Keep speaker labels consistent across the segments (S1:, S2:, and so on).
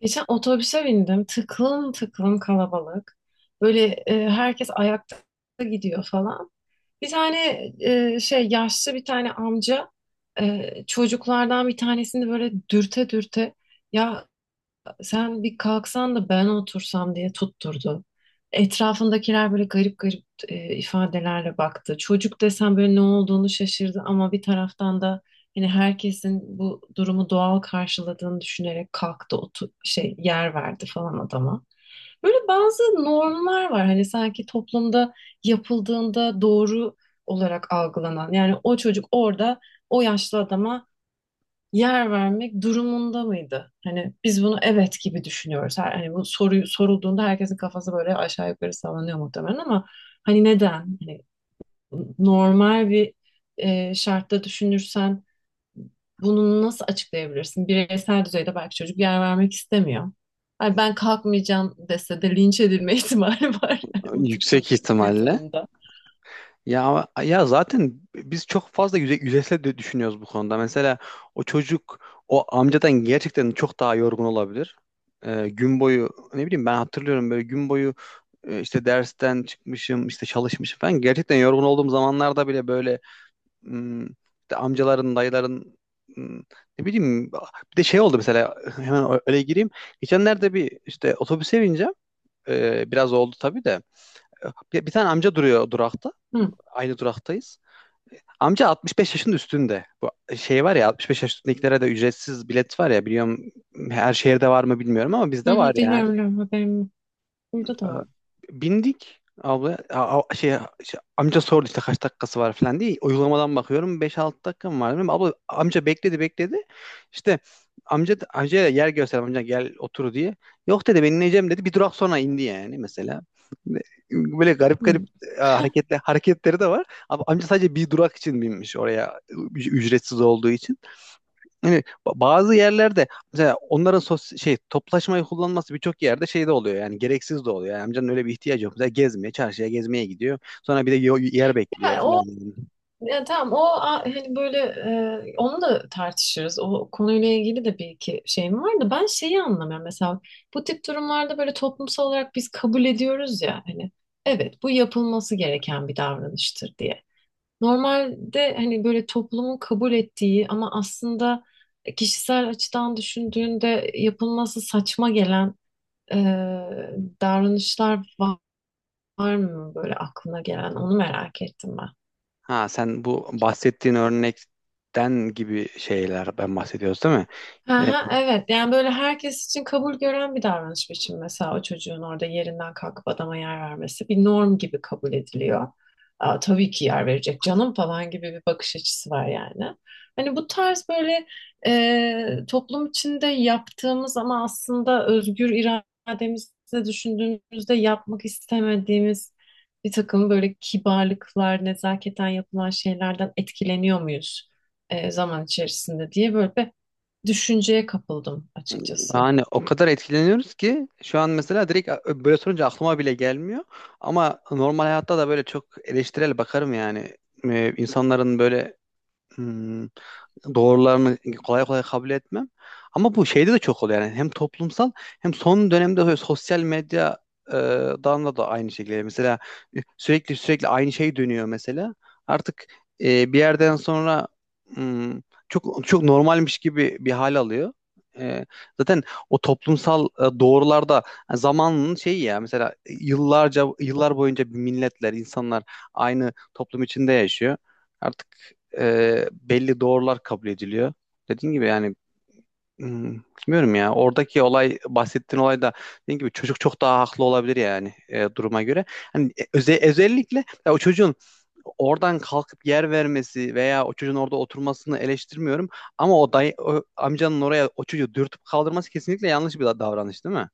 S1: Geçen otobüse bindim. Tıklım tıklım kalabalık. Böyle herkes ayakta gidiyor falan. Bir tane yaşlı bir tane amca, çocuklardan bir tanesini böyle dürte dürte, ya sen bir kalksan da ben otursam diye tutturdu. Etrafındakiler böyle garip garip ifadelerle baktı. Çocuk desem böyle ne olduğunu şaşırdı ama bir taraftan da hani herkesin bu durumu doğal karşıladığını düşünerek kalktı, otu şey yer verdi falan adama. Böyle bazı normlar var hani sanki toplumda yapıldığında doğru olarak algılanan. Yani o çocuk orada o yaşlı adama yer vermek durumunda mıydı? Hani biz bunu evet gibi düşünüyoruz. Hani bu soruyu sorulduğunda herkesin kafası böyle aşağı yukarı sallanıyor muhtemelen ama hani neden? Hani normal bir şartta düşünürsen bunu nasıl açıklayabilirsin? Bireysel düzeyde belki çocuk yer vermek istemiyor. Ay ben kalkmayacağım dese de linç edilme ihtimali var yani bu tip
S2: Yüksek
S1: bir
S2: ihtimalle.
S1: durumda.
S2: Ya ya zaten biz çok fazla yüzeysel de düşünüyoruz bu konuda. Mesela o çocuk o amcadan gerçekten çok daha yorgun olabilir. Gün boyu ne bileyim ben hatırlıyorum böyle gün boyu işte dersten çıkmışım işte çalışmışım falan. Gerçekten yorgun olduğum zamanlarda bile böyle işte amcaların dayıların hmm, ne bileyim bir de şey oldu mesela hemen öyle gireyim. Geçenlerde bir işte otobüse bineceğim. Biraz oldu tabii de. Bir tane amca duruyor durakta.
S1: Hı,
S2: Aynı duraktayız. Amca 65 yaşın üstünde. Bu şey var ya 65 yaş üstündekilere de ücretsiz bilet var ya biliyorum, her şehirde var mı bilmiyorum ama
S1: hı,
S2: bizde var
S1: hı,
S2: yani.
S1: biliyorum biliyorum, haberim yok. Burada da
S2: Ee,
S1: var.
S2: Bindik abla amca sordu işte kaç dakikası var falan diye uygulamadan bakıyorum beş 6 dakika mı var dedim. Abla amca bekledi bekledi. İşte amca amcaya yer gösterdim amca gel otur diye. Yok dedi ben ineceğim dedi. Bir durak sonra indi yani mesela. Böyle garip garip
S1: Hı.
S2: hareketleri de var. Ama amca sadece bir durak için binmiş oraya ücretsiz olduğu için. Yani bazı yerlerde mesela onların şey toplaşmayı kullanması birçok yerde şey de oluyor yani gereksiz de oluyor. Yani amcanın öyle bir ihtiyacı yok. Mesela gezmeye, çarşıya gezmeye gidiyor. Sonra bir de yer bekliyor
S1: Yani
S2: falan
S1: o
S2: yani.
S1: Ya tamam hani böyle onu da tartışırız. O konuyla ilgili de bir iki şeyim var da ben şeyi anlamıyorum. Mesela bu tip durumlarda böyle toplumsal olarak biz kabul ediyoruz ya hani evet bu yapılması gereken bir davranıştır diye. Normalde hani böyle toplumun kabul ettiği ama aslında kişisel açıdan düşündüğünde yapılması saçma gelen e, davranışlar var, var mı böyle aklına gelen onu merak ettim ben.
S2: Ha sen bu bahsettiğin örnekten gibi şeyler ben bahsediyoruz değil mi? E,
S1: Aha, evet, yani böyle herkes için kabul gören bir davranış biçimi, mesela o çocuğun orada yerinden kalkıp adama yer vermesi bir norm gibi kabul ediliyor. Aa, tabii ki yer verecek canım falan gibi bir bakış açısı var yani. Hani bu tarz böyle toplum içinde yaptığımız ama aslında özgür irademizle düşündüğümüzde yapmak istemediğimiz bir takım böyle kibarlıklar, nezaketen yapılan şeylerden etkileniyor muyuz zaman içerisinde, diye böyle bir düşünceye kapıldım açıkçası.
S2: Yani o kadar etkileniyoruz ki şu an mesela direkt böyle sorunca aklıma bile gelmiyor. Ama normal hayatta da böyle çok eleştirel bakarım yani. İnsanların böyle hmm, doğrularını kolay kolay kabul etmem. Ama bu şeyde de çok oluyor yani hem toplumsal hem son dönemde sosyal medya e, dan da aynı şekilde. Mesela sürekli sürekli aynı şey dönüyor mesela. Artık bir yerden sonra hmm, çok çok normalmiş gibi bir hal alıyor. E, Zaten o toplumsal doğrularda yani zamanın şeyi ya mesela yıllarca yıllar boyunca bir milletler insanlar aynı toplum içinde yaşıyor. Artık belli doğrular kabul ediliyor. Dediğim gibi yani hmm, bilmiyorum ya oradaki olay bahsettiğin olay da dediğim gibi çocuk çok daha haklı olabilir yani duruma göre. Hani özellikle ya o çocuğun oradan kalkıp yer vermesi veya o çocuğun orada oturmasını eleştirmiyorum, ama o dayı o amcanın oraya o çocuğu dürtüp kaldırması kesinlikle yanlış bir davranış değil mi?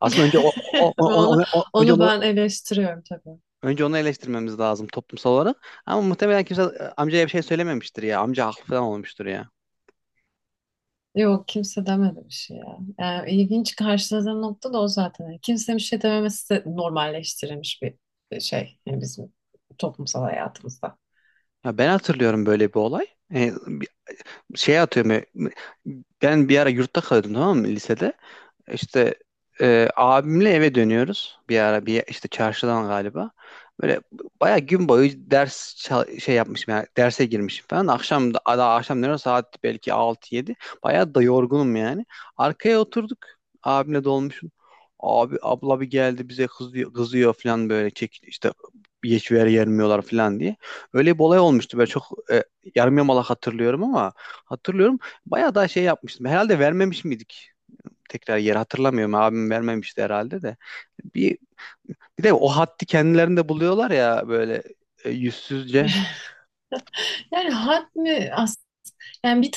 S2: Aslında önce o, o- o-
S1: Onu,
S2: onu- o- önce
S1: onu,
S2: onu
S1: ben eleştiriyorum tabii.
S2: önce onu eleştirmemiz lazım toplumsal olarak. Ama muhtemelen kimse amcaya bir şey söylememiştir ya. Amca haklı falan olmuştur ya.
S1: Yok, kimse demedi bir şey ya. Yani ilginç karşıladığım nokta da o zaten. Yani kimsenin bir şey dememesi de normalleştirilmiş bir şey. Yani bizim toplumsal hayatımızda.
S2: Ya ben hatırlıyorum böyle bir olay. Bir şey atıyorum. E, Ben bir ara yurtta kalıyordum, tamam mı, lisede. İşte abimle eve dönüyoruz bir ara bir işte çarşıdan galiba. Böyle bayağı gün boyu şey yapmışım yani derse girmişim falan. Akşam da daha akşam ne saat belki altı yedi. Bayağı da yorgunum yani. Arkaya oturduk. Abimle dolmuşum. Abi abla bir geldi bize kızıyor, kızıyor falan böyle çek işte geç ver yermiyorlar falan diye. Öyle bir olay olmuştu. Böyle çok yarım yamalak hatırlıyorum ama hatırlıyorum. Bayağı da şey yapmıştım. Herhalde vermemiş miydik? Tekrar yeri hatırlamıyorum. Abim vermemişti herhalde de. Bir, bir de o haddi kendilerinde buluyorlar ya böyle yüzsüzce.
S1: Yani had mi as, yani bir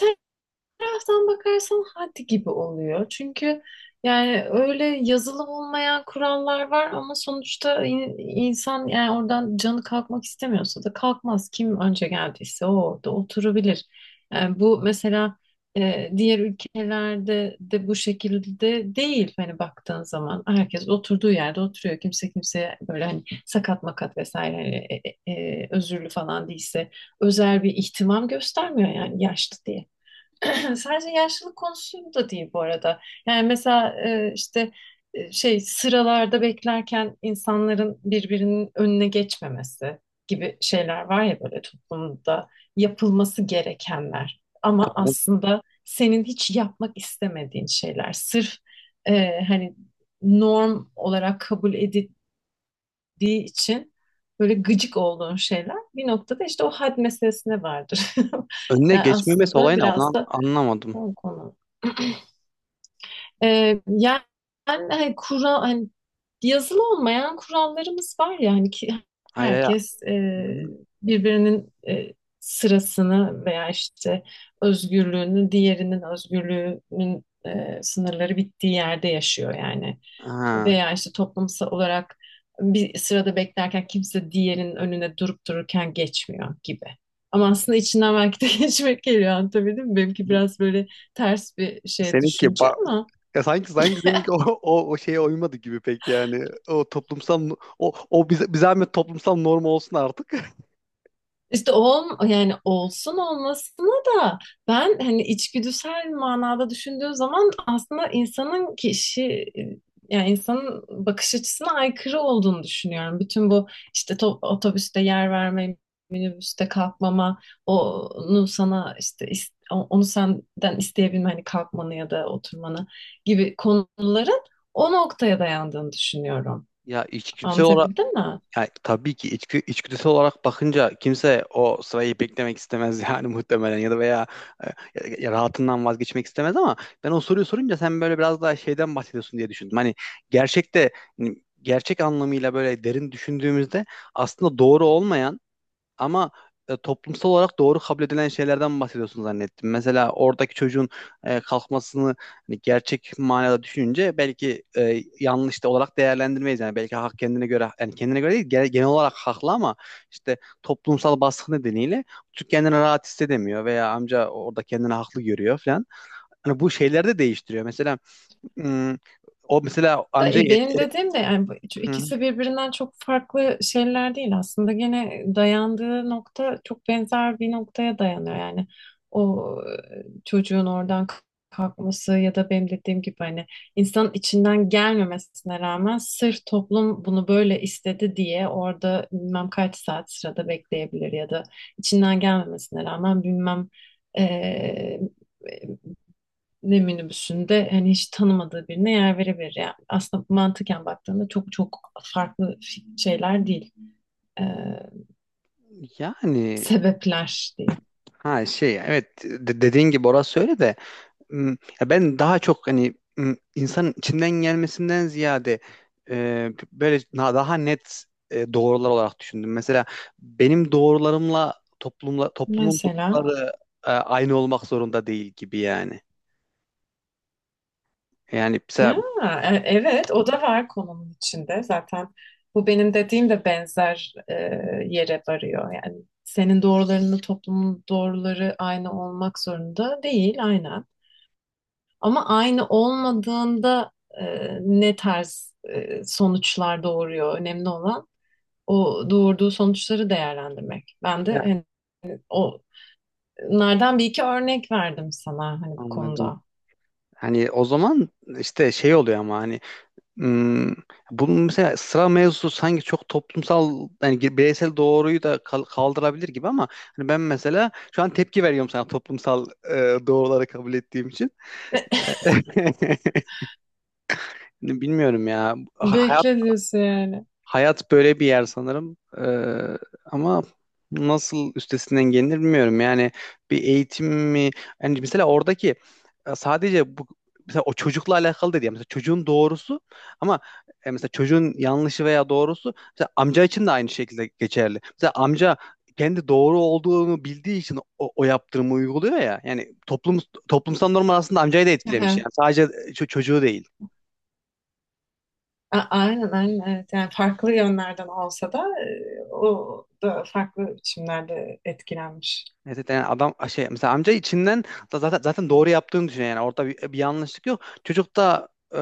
S1: taraftan bakarsan hadi gibi oluyor. Çünkü yani öyle yazılı olmayan kurallar var ama sonuçta insan, yani oradan canı kalkmak istemiyorsa da kalkmaz. Kim önce geldiyse o orada oturabilir. Yani bu mesela diğer ülkelerde de bu şekilde değil. Hani baktığın zaman herkes oturduğu yerde oturuyor. Kimse kimseye böyle hani sakat makat vesaire, hani özürlü falan değilse özel bir ihtimam göstermiyor yani yaşlı diye. Sadece yaşlılık konusu da değil bu arada. Yani mesela sıralarda beklerken insanların birbirinin önüne geçmemesi gibi şeyler var ya, böyle toplumda yapılması gerekenler. Ama aslında senin hiç yapmak istemediğin şeyler. Sırf hani norm olarak kabul edildiği için böyle gıcık olduğun şeyler bir noktada işte o had meselesine vardır.
S2: Önüne
S1: Yani
S2: geçmemesi
S1: aslında
S2: olayını onu
S1: biraz da
S2: anlamadım.
S1: o konu. Yani hani kural hani yazılı olmayan kurallarımız var ya, hani ki
S2: Hayır hayır.
S1: herkes birbirinin sırasını veya işte özgürlüğünü, diğerinin özgürlüğünün sınırları bittiği yerde yaşıyor yani,
S2: Ha.
S1: veya işte toplumsal olarak bir sırada beklerken kimse diğerinin önüne durup dururken geçmiyor gibi. Ama aslında içinden belki de geçmek geliyor, anlatabildim mi? Benimki biraz böyle ters bir şey
S2: Seninki
S1: düşünce
S2: ba-
S1: ama
S2: Ya sanki seninki o o şeye uymadı gibi pek yani. O toplumsal o o bize zahmet toplumsal norm olsun artık.
S1: Yani olsun olmasına da ben hani içgüdüsel manada düşündüğü zaman aslında e, yani insanın bakış açısına aykırı olduğunu düşünüyorum. Bütün bu işte otobüste yer verme, minibüste kalkmama, onu sana işte onu senden isteyebilme hani kalkmanı ya da oturmanı gibi konuların o noktaya dayandığını düşünüyorum.
S2: Ya içgüdüsel olarak,
S1: Anlatabildim mi?
S2: yani tabii ki içgüdüsel olarak bakınca kimse o sırayı beklemek istemez yani muhtemelen ya da veya e, ya rahatından vazgeçmek istemez, ama ben o soruyu sorunca sen böyle biraz daha şeyden bahsediyorsun diye düşündüm. Hani gerçekte hani gerçek anlamıyla böyle derin düşündüğümüzde aslında doğru olmayan ama toplumsal olarak doğru kabul edilen şeylerden bahsediyorsun zannettim. Mesela oradaki çocuğun kalkmasını hani gerçek manada düşününce belki yanlış da olarak değerlendirmeyiz. Yani belki hak kendine göre yani kendine göre değil genel olarak haklı ama işte toplumsal baskı nedeniyle çocuk kendini rahat hissedemiyor veya amca orada kendini haklı görüyor falan. Hani bu şeyler de değiştiriyor. Mesela hmm, o mesela amca
S1: Benim dediğim de yani bu
S2: hı.
S1: ikisi birbirinden çok farklı şeyler değil aslında. Gene dayandığı nokta çok benzer bir noktaya dayanıyor yani. O çocuğun kalkması ya da benim dediğim gibi hani insanın içinden gelmemesine rağmen sırf toplum bunu böyle istedi diye orada bilmem kaç saat sırada bekleyebilir ya da içinden gelmemesine rağmen bilmem e, ne minibüsünde hani hiç tanımadığı birine yer verebilir yani. Aslında mantıken baktığında çok çok farklı şeyler değil. Ee,
S2: Yani
S1: sebepler değil.
S2: ha şey evet dediğin gibi orası öyle de. Hmm, Ya ben daha çok hani insanın içinden gelmesinden ziyade böyle daha net doğrular olarak düşündüm. Mesela benim doğrularımla toplumun
S1: Mesela
S2: doğruları aynı olmak zorunda değil gibi yani. Yani mesela
S1: evet, o da var konunun içinde. Zaten bu benim dediğim de benzer yere varıyor. Yani senin doğrularınla toplumun doğruları aynı olmak zorunda değil, aynen. Ama aynı olmadığında e, ne tarz sonuçlar doğuruyor, önemli olan o doğurduğu sonuçları değerlendirmek. Ben de
S2: Ya,
S1: hani o nereden bir iki örnek verdim sana hani bu
S2: anladım.
S1: konuda.
S2: Hani o zaman işte şey oluyor ama hani Hmm, bunun mesela sıra mevzusu sanki çok toplumsal yani bireysel doğruyu da kaldırabilir gibi, ama hani ben mesela şu an tepki veriyorum sana toplumsal doğruları kabul ettiğim için. Bilmiyorum ya. Ha-
S1: Bekle diyorsun yani.
S2: Hayat böyle bir yer sanırım. Ama nasıl üstesinden gelinir bilmiyorum. Yani bir eğitim mi? Yani mesela oradaki sadece bu mesela o çocukla alakalı dedi ya. Mesela çocuğun doğrusu, ama mesela çocuğun yanlışı veya doğrusu mesela amca için de aynı şekilde geçerli. Mesela amca kendi doğru olduğunu bildiği için o yaptırımı uyguluyor ya. Yani toplumsal norm aslında amcayı da etkilemiş.
S1: Aha.
S2: Yani sadece çocuğu değil.
S1: Aynen, aynen, evet. Yani farklı yönlerden olsa da o da farklı biçimlerde etkilenmiş.
S2: Evet evet, yani adam şey mesela amca içinden da zaten doğru yaptığını düşünüyor yani orada bir yanlışlık yok. Çocuk da e,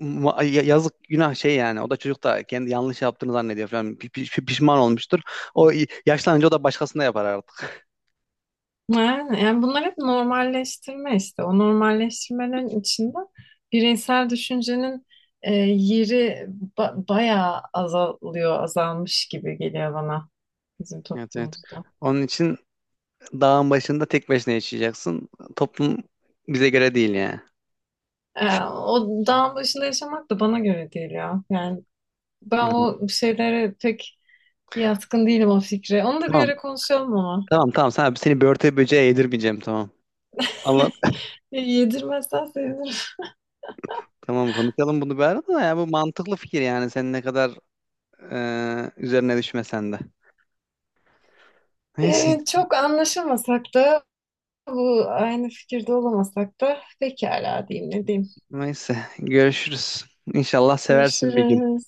S2: ma- ya- yazık günah şey yani o da çocuk da kendi yanlış yaptığını zannediyor falan. Pişman olmuştur. Yaşlanınca o da başkasına yapar artık.
S1: Yani bunlar hep normalleştirme işte. O normalleştirmenin içinde bireysel düşüncenin yeri bayağı azalmış gibi geliyor bana, bizim
S2: Evet evet.
S1: toplumumuzda.
S2: Onun için dağın başında tek başına yaşayacaksın. Toplum bize göre değil yani.
S1: E, o dağın başında yaşamak da bana göre değil ya. Yani
S2: Ha,
S1: ben o şeylere pek yatkın değilim, o fikre. Onu da bir
S2: tamam
S1: ara konuşalım ama.
S2: tamam tamam sen, seni börte böceğe yedirmeyeceğim, tamam. Anlat.
S1: E, yedirmezsen sevinirim.
S2: Tamam konuşalım bunu bir arada, da ya bu mantıklı fikir yani sen ne kadar üzerine düşme sen de. Neyse,
S1: E, çok anlaşamasak da aynı fikirde olamasak da pekala, diyeyim ne diyeyim.
S2: Neyse. Görüşürüz. İnşallah seversin bir gün.
S1: Görüşürüz.